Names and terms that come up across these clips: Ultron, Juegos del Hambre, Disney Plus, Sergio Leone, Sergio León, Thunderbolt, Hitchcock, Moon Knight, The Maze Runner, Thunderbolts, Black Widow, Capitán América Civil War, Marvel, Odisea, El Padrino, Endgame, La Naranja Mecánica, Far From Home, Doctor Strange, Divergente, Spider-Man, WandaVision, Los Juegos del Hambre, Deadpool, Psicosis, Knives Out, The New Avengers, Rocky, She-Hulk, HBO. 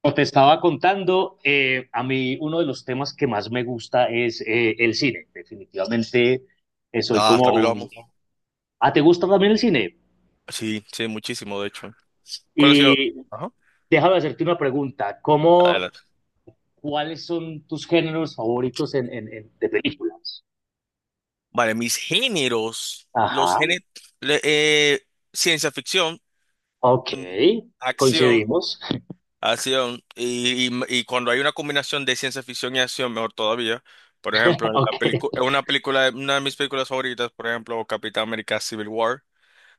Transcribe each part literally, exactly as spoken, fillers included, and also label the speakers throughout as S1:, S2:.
S1: Como te estaba contando, eh, a mí uno de los temas que más me gusta es eh, el cine. Definitivamente eh, soy
S2: Ah,
S1: como
S2: también lo
S1: un...
S2: amo.
S1: Ah, ¿te gusta también el cine?
S2: Sí, sí, muchísimo, de hecho. ¿Cuál ha sido?
S1: Y déjame hacerte una pregunta. ¿Cómo,
S2: Adelante.
S1: ¿cuáles son tus géneros favoritos en, en- en- de películas?
S2: Vale, mis géneros. Los
S1: Ajá,
S2: géneros. Ciencia ficción,
S1: ok,
S2: mm, acción,
S1: coincidimos.
S2: acción. Y, y- y cuando hay una combinación de ciencia ficción y acción, mejor todavía. Por ejemplo, en la pelicu-
S1: Ok.
S2: en una película, una de mis películas favoritas, por ejemplo, Capitán América Civil War,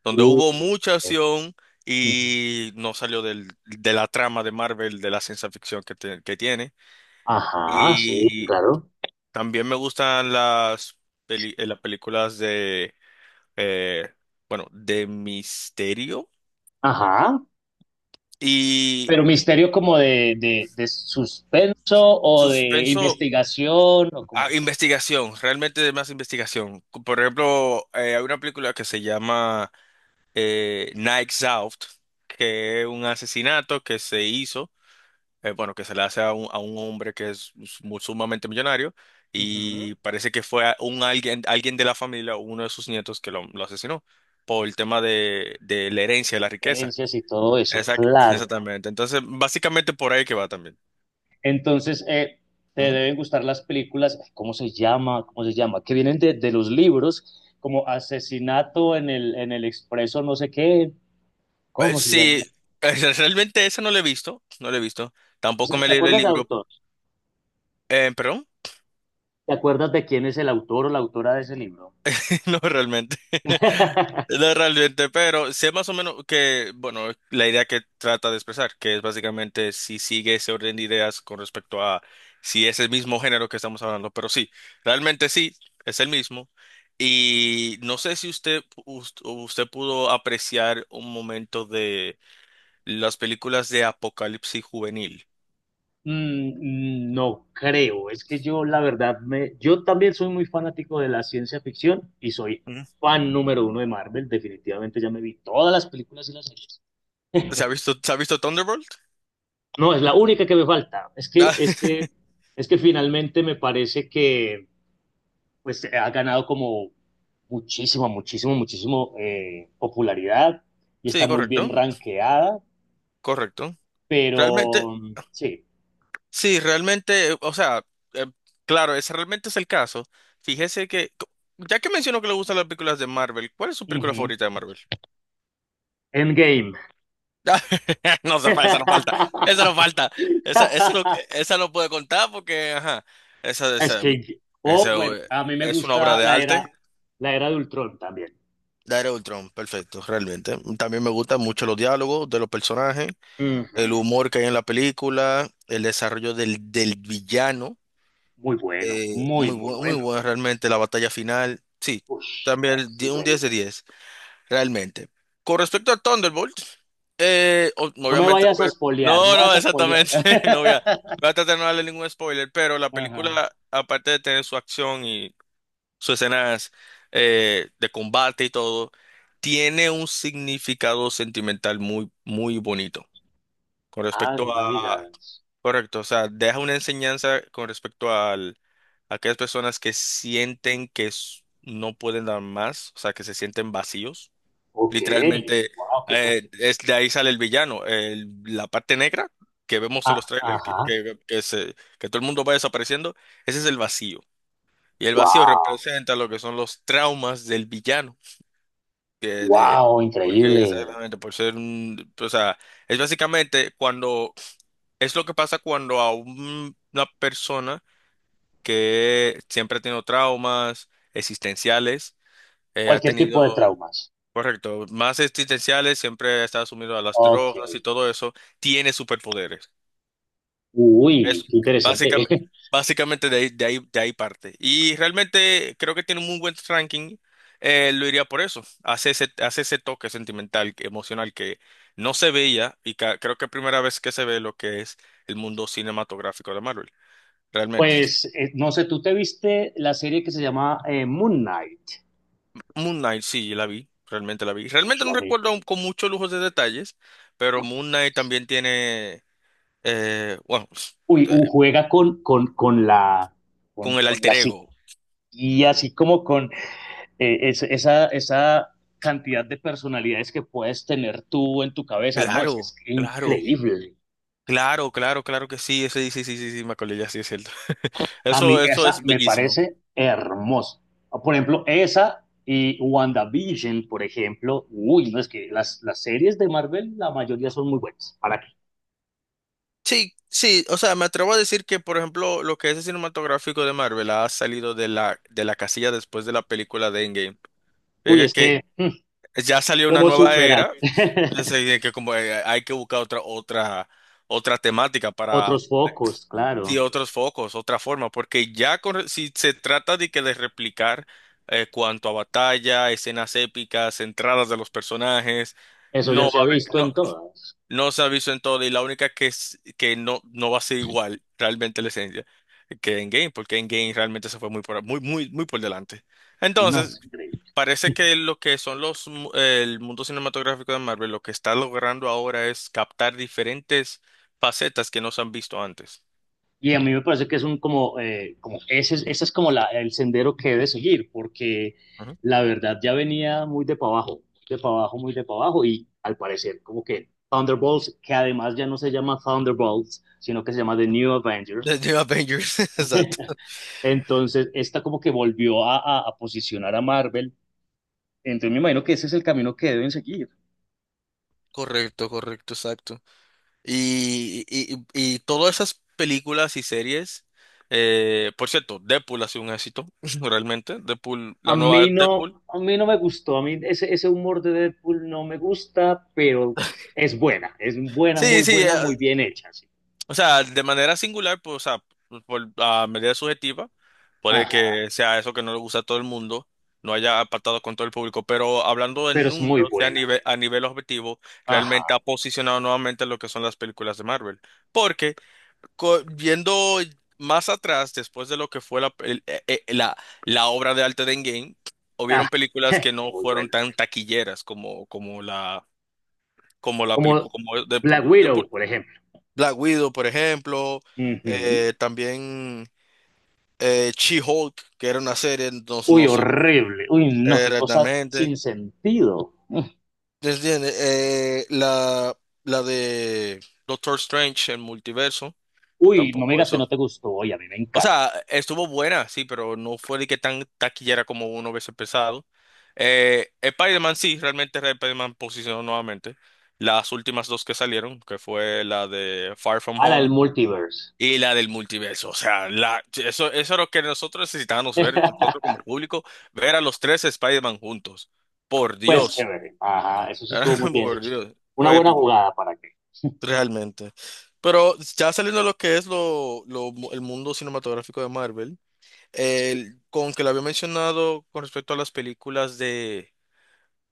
S2: donde
S1: Uh,
S2: hubo mucha
S1: eh,
S2: acción
S1: ujú.
S2: y no salió del, de la trama de Marvel, de la ciencia ficción que, te- que tiene.
S1: Ajá, sí, claro.
S2: También me gustan las, peli- eh, las películas de, eh, bueno, de misterio
S1: Ajá.
S2: y
S1: Pero misterio como de, de, de suspenso o de
S2: suspenso
S1: investigación o como
S2: a
S1: es.
S2: investigación, realmente de más investigación. Por ejemplo, eh, hay una película que se llama eh, Knives Out, que es un asesinato que se hizo. Eh, bueno, que se le hace a un, a un hombre que es mu- sumamente millonario
S1: Ujú.
S2: y parece que fue a- un alguien, alguien de la familia, uno de sus nietos que lo, lo asesinó por el tema de, de la herencia, de la riqueza.
S1: Herencias y todo eso,
S2: Exact-
S1: claro.
S2: exactamente. Entonces, básicamente por ahí que va también.
S1: Entonces, eh, te
S2: Ujú.
S1: deben gustar las películas, ay, ¿cómo se llama? ¿Cómo se llama? Que vienen de, de los libros, como Asesinato en el, en el Expreso, no sé qué.
S2: Eh,
S1: ¿Cómo se llama?
S2: Sí, eh, realmente ese no lo he visto, no lo he visto. Tampoco me he
S1: ¿Te
S2: leído el
S1: acuerdas del
S2: libro.
S1: autor?
S2: Eh, ¿perdón?
S1: ¿Te acuerdas de quién es el autor o la autora de ese libro?
S2: No, realmente. No, realmente, pero sé más o menos que, bueno, la idea que trata de expresar, que es básicamente si sigue ese orden de ideas con respecto a si es el mismo género que estamos hablando, pero sí, realmente sí, es el mismo. Y no sé si usted, us- usted pudo apreciar un momento de las películas de apocalipsis juvenil.
S1: Mm, mm, no creo, es que yo la verdad me, yo también soy muy fanático de la ciencia ficción y soy
S2: Ujú.
S1: fan número uno de Marvel, definitivamente ya me vi todas las películas y las series.
S2: ¿Se ha visto, se ha visto Thunderbolt?
S1: No, es la única que me falta. Es que, es que, es que finalmente me parece que pues ha ganado como muchísimo, muchísimo, muchísimo eh, popularidad y
S2: Sí,
S1: está muy bien
S2: correcto,
S1: rankeada,
S2: correcto.
S1: pero
S2: Realmente.
S1: mm, sí.
S2: Sí, realmente, o sea, eh, claro, ese realmente es el caso. Fíjese que, co- ya que mencionó que le gustan las películas de Marvel, ¿cuál es su película
S1: Ujú.
S2: favorita de Marvel?
S1: Endgame.
S2: No, se fa- esa no falta, esa no falta, esa, esa no, esa no puede contar porque, ajá, esa,
S1: Es
S2: esa,
S1: que, oh,
S2: esa
S1: bueno,
S2: eh,
S1: a mí me
S2: es una obra
S1: gusta
S2: de
S1: la
S2: arte.
S1: era, la era de Ultron también.
S2: La era de Ultron, perfecto, realmente. También me gustan mucho los diálogos de los personajes,
S1: Ujú.
S2: el humor que hay en la película, el desarrollo del, del villano.
S1: Muy bueno,
S2: Eh, muy
S1: muy, muy
S2: bueno, muy
S1: bueno.
S2: bueno realmente la batalla final. Sí,
S1: Ush, no,
S2: también
S1: es
S2: di- un
S1: increíble.
S2: diez de diez realmente. Con respecto a Thunderbolt, eh, o-
S1: No me
S2: obviamente no
S1: vayas a
S2: voy a...
S1: espolear, no
S2: No, no,
S1: vayas a espolear.
S2: exactamente. No voy a, voy a tratar de no darle ningún spoiler, pero la
S1: Ajá.
S2: película, aparte de tener su acción y sus escenas eh, de combate y todo, tiene un significado sentimental muy, muy bonito. Con
S1: Ah, no
S2: respecto
S1: me
S2: a
S1: digas.
S2: correcto, o sea, deja una enseñanza con respecto al, a aquellas personas que sienten que s- no pueden dar más, o sea, que se sienten vacíos.
S1: Ok,
S2: Literalmente,
S1: wow, qué fuerte.
S2: eh, es de ahí sale el villano, el- la parte negra que vemos en
S1: Ah,
S2: los trailers, que,
S1: ajá,
S2: que, que se, que todo el mundo va desapareciendo, ese es el vacío. Y el vacío
S1: wow,
S2: representa lo que son los traumas del villano, que de,
S1: wow,
S2: porque
S1: increíble.
S2: exactamente, por ser un, o sea, es básicamente cuando es lo que pasa cuando a un- una persona que siempre ha tenido traumas existenciales, eh, ha
S1: Cualquier
S2: tenido,
S1: tipo de traumas.
S2: correcto, más existenciales, siempre está sumido a las
S1: Ok,
S2: drogas y todo eso, tiene superpoderes.
S1: uy,
S2: Es
S1: qué interesante.
S2: básicamente, básicamente de ahí, de ahí, de ahí parte. Y realmente creo que tiene un muy buen ranking, eh, lo iría por eso. Hace ese, hace ese toque sentimental, que- emocional que no se veía y ca- creo que es primera vez que se ve lo que es el mundo cinematográfico de Marvel. Realmente.
S1: Pues eh, no sé, ¿tú te viste la serie que se llama eh, Moon Knight?
S2: Moon Knight, sí, la vi, realmente la vi. Realmente
S1: Uy,
S2: no
S1: a mí,
S2: recuerdo aún con muchos lujos de detalles, pero Moon Knight también tiene, eh, bueno,
S1: uy, uh,
S2: eh,
S1: juega con, con, con la,
S2: con
S1: con,
S2: el
S1: con la
S2: alter ego.
S1: psiquía, así como con eh, es, esa, esa cantidad de personalidades que puedes tener tú en tu cabeza. No, es, es
S2: Claro, claro,
S1: increíble.
S2: claro, claro, claro que sí, ese, sí, sí, sí, sí, me acordé, ya sí es cierto.
S1: A
S2: Eso,
S1: mí
S2: eso
S1: esa
S2: es
S1: me
S2: bellísimo.
S1: parece hermosa. Por ejemplo, esa y WandaVision, por ejemplo, uy, no es que las, las series de Marvel, la mayoría son muy buenas. ¿Para qué?
S2: Sí, sí, o sea, me atrevo a decir que, por ejemplo, lo que es el cinematográfico de Marvel ha salido de la, de la casilla después de la película de Endgame.
S1: Uy,
S2: Fíjate
S1: es
S2: que,
S1: que, mm,
S2: ya salió una
S1: ¿cómo
S2: nueva
S1: superar?
S2: era, entonces, eh, que como eh, hay que buscar otra otra otra temática para
S1: Otros focos,
S2: y
S1: claro.
S2: otros focos, otra forma, porque ya con- re- si se trata de que de replicar eh, cuanto a batalla, escenas épicas, entradas de los personajes,
S1: Eso
S2: no
S1: ya
S2: va
S1: se ha
S2: a haber-
S1: visto
S2: no
S1: en todas.
S2: no se ha visto en todo y la única que es, que no no va a ser igual realmente la esencia que en game, porque en game realmente se fue muy por muy muy muy por delante.
S1: No, es
S2: Entonces
S1: increíble.
S2: parece que lo que son los, mu- el mundo cinematográfico de Marvel, lo que está logrando ahora es captar diferentes facetas que no se han visto antes.
S1: Y a mí me parece que es un como, eh, como ese, es- ese es como la, el sendero que debe seguir, porque
S2: Ujú.
S1: la verdad ya venía muy de para abajo, de para abajo, muy de para abajo, y al parecer como que Thunderbolts, que además ya no se llama Thunderbolts, sino que se llama The New
S2: De
S1: Avengers,
S2: New Avengers, exacto.
S1: entonces esta como que volvió a, a, a posicionar a Marvel, entonces me imagino que ese es el camino que deben seguir.
S2: Correcto, correcto, exacto. Y, y, y- y todas esas películas y series, eh, por cierto, Deadpool ha sido un éxito, realmente. Deadpool,
S1: A
S2: la nueva
S1: mí no,
S2: Deadpool.
S1: a mí no me gustó, a mí ese, ese humor de Deadpool no me gusta, pero es buena, es buena, muy
S2: Sí, sí, eh,
S1: buena, muy bien hecha, sí.
S2: o sea, de manera singular, pues, o sea, por, a medida subjetiva, puede
S1: Ajá,
S2: que sea eso que no le gusta a todo el mundo, no haya apartado con todo el público, pero hablando en
S1: pero es muy
S2: números, sea a
S1: buena.
S2: nivel, a nivel objetivo, realmente ha
S1: Ajá,
S2: posicionado nuevamente lo que son las películas de Marvel. Porque co- viendo más atrás, después de lo que fue la, el- eh, eh, la, la obra de arte de Endgame, hubieron
S1: ajá,
S2: películas que no
S1: muy
S2: fueron
S1: buena.
S2: tan taquilleras como, como la, como la
S1: Como
S2: película, como Deadpool.
S1: Black Widow, por ejemplo.
S2: Black Widow, por ejemplo,
S1: Ujú.
S2: eh, también eh, She-Hulk, que era una serie, no,
S1: Uy,
S2: no sé no,
S1: horrible. Uy, no, qué cosa
S2: exactamente.
S1: sin sentido. Mm.
S2: ¿Te entiendes? Eh, la, la de Doctor Strange, el multiverso,
S1: Uy, no me
S2: tampoco
S1: digas que no
S2: hizo.
S1: te gustó. Oye, a mí me
S2: O
S1: encanta.
S2: sea, estuvo buena, sí, pero no fue de que tan taquillera como uno hubiese pensado. Eh, Spider-Man, sí, realmente Spider-Man posicionó nuevamente. Las últimas dos que salieron, que fue la de Far From
S1: A la del
S2: Home
S1: multiverse.
S2: y la del multiverso, o sea, la, eso, eso es lo que nosotros necesitábamos ver, nosotros como público, ver a los tres Spider-Man juntos. Por
S1: Pues
S2: Dios,
S1: chévere. Ajá, eso sí estuvo muy bien
S2: por
S1: hecho.
S2: Dios,
S1: Una
S2: fue
S1: buena
S2: épico,
S1: jugada para qué.
S2: realmente. Pero ya saliendo de lo que es lo, lo- el mundo cinematográfico de Marvel,
S1: Sí.
S2: el- con que lo había mencionado con respecto a las películas de,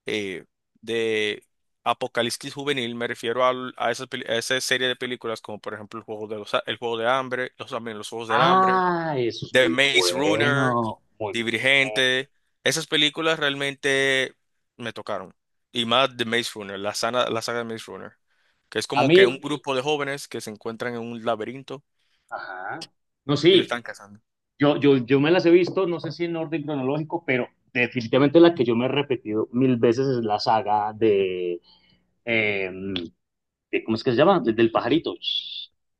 S2: eh, de Apocalipsis Juvenil, me refiero al- a, esa, a esa serie de películas como por ejemplo El Juego de, los, el Juego de Hambre, los, también Los Juegos del Hambre.
S1: Ah, eso es
S2: The
S1: muy
S2: Maze Runner,
S1: bueno, muy bueno.
S2: Divergente, esas películas realmente me tocaron. Y más The Maze Runner, la saga, la saga de Maze Runner, que es
S1: A
S2: como que un
S1: mí,
S2: grupo de jóvenes que se encuentran en un laberinto
S1: ajá, no,
S2: y lo
S1: sí,
S2: están cazando.
S1: yo, yo, yo me las he visto, no sé si en orden cronológico, pero definitivamente la que yo me he repetido mil veces es la saga de, eh, de- ¿cómo es que se llama? De- Del pajarito,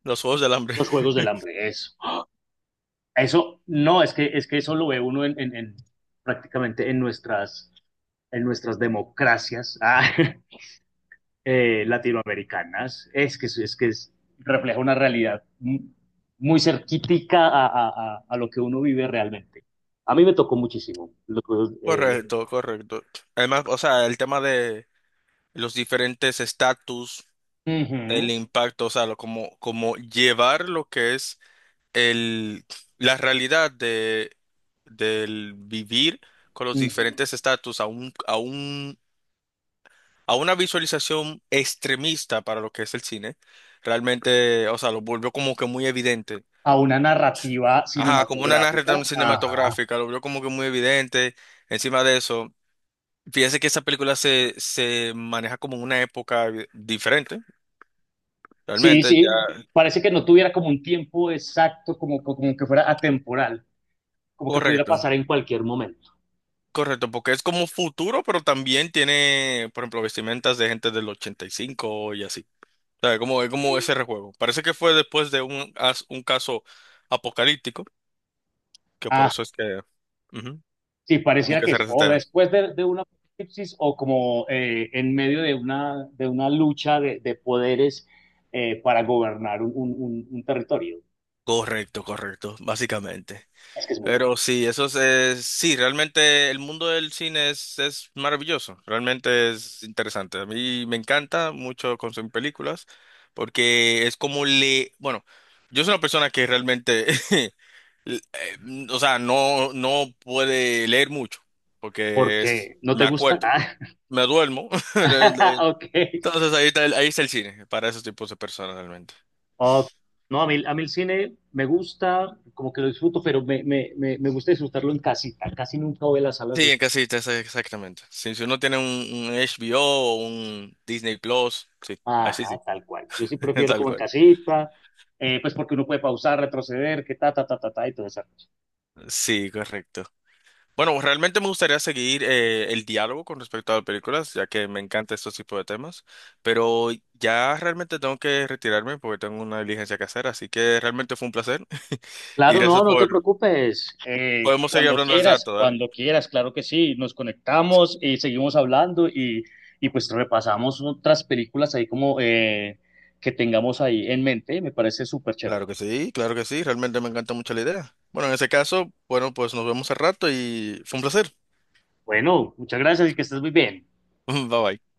S2: Los Juegos del Hambre.
S1: los Juegos del Hambre, eso. Eso, no, es que, es que eso lo ve uno en, en- en- prácticamente en nuestras, en nuestras democracias. Ah, eh, latinoamericanas. Es que, es, que es refleja una realidad muy cerquítica a, a, a, lo que uno vive realmente. A mí me tocó muchísimo lo que, eh,
S2: Correcto, correcto. Además, o sea, el tema de los diferentes estatus,
S1: uh
S2: el
S1: -huh,
S2: impacto, o sea, lo- como, como llevar lo que es el, la realidad de, del vivir con
S1: uh
S2: los
S1: -huh.
S2: diferentes estatus a un, a un, a una visualización extremista para lo que es el cine, realmente, o sea, lo volvió como que muy evidente.
S1: a una narrativa
S2: Ajá, como una
S1: cinematográfica.
S2: narrativa
S1: Ajá.
S2: cinematográfica, lo volvió como que muy evidente. Encima de eso, fíjese que esa película se, se maneja como en una época eh, diferente,
S1: Sí,
S2: realmente, ya
S1: sí, parece que no tuviera como un tiempo exacto, como, como que fuera atemporal, como que pudiera
S2: correcto.
S1: pasar en cualquier momento.
S2: Correcto, porque es como futuro, pero también tiene, por ejemplo, vestimentas de gente del ochenta y cinco y cinco y así. O sea, como, es como ese rejuego. Parece que fue después de un, as- un caso apocalíptico, que por
S1: Ah,
S2: eso es que, ujú,
S1: sí,
S2: como
S1: pareciera
S2: que
S1: que
S2: se
S1: es o
S2: resetea.
S1: después de, de un apocalipsis o como eh, en medio de una, de una lucha de, de poderes eh, para gobernar un, un- un- un territorio.
S2: Correcto, correcto, básicamente.
S1: Es que es muy bueno.
S2: Pero sí, eso es, es- sí, realmente el mundo del cine es, es maravilloso, realmente es interesante. A mí me encanta mucho consumir películas, porque es como le, bueno, yo soy una persona que realmente l- eh, o sea, no, no puede leer mucho, porque es-
S1: Porque no
S2: me
S1: te gusta.
S2: acuerdo, me duermo.
S1: Ah,
S2: Realmente.
S1: ok.
S2: Entonces ahí está el, ahí está el cine, para esos tipos de personas realmente.
S1: Ok. No, a mí, a mí el cine me gusta, como que lo disfruto, pero me, me, me, me gusta disfrutarlo en casita. Casi nunca voy a las salas de
S2: Sí, en
S1: cine.
S2: casita, esa- exactamente. Si, si uno tiene un, un HBO o o un Disney Plus, sí, así
S1: Ajá,
S2: sí,
S1: tal cual. Yo sí prefiero
S2: tal
S1: como en
S2: cual.
S1: casita, eh, pues porque uno puede pausar, retroceder, que ta, ta, ta, ta, ta, y todo eso.
S2: Sí, correcto. Bueno, realmente me gustaría seguir eh, el diálogo con respecto a las películas, ya que me encanta estos tipos de temas, pero ya realmente tengo que retirarme porque tengo una diligencia que hacer, así que realmente fue un placer y
S1: Claro,
S2: gracias
S1: no, no te
S2: por...
S1: preocupes. Eh,
S2: Podemos seguir
S1: cuando
S2: hablando al
S1: quieras,
S2: rato, dale.
S1: cuando quieras, claro que sí. Nos conectamos y seguimos hablando y, y pues repasamos otras películas ahí como eh, que tengamos ahí en mente. Me parece súper chévere.
S2: Claro que sí, claro que sí, realmente me encanta mucho la idea. Bueno, en ese caso, bueno, pues nos vemos al rato y fue un placer.
S1: Bueno, muchas gracias y que estés muy bien.
S2: Bye bye.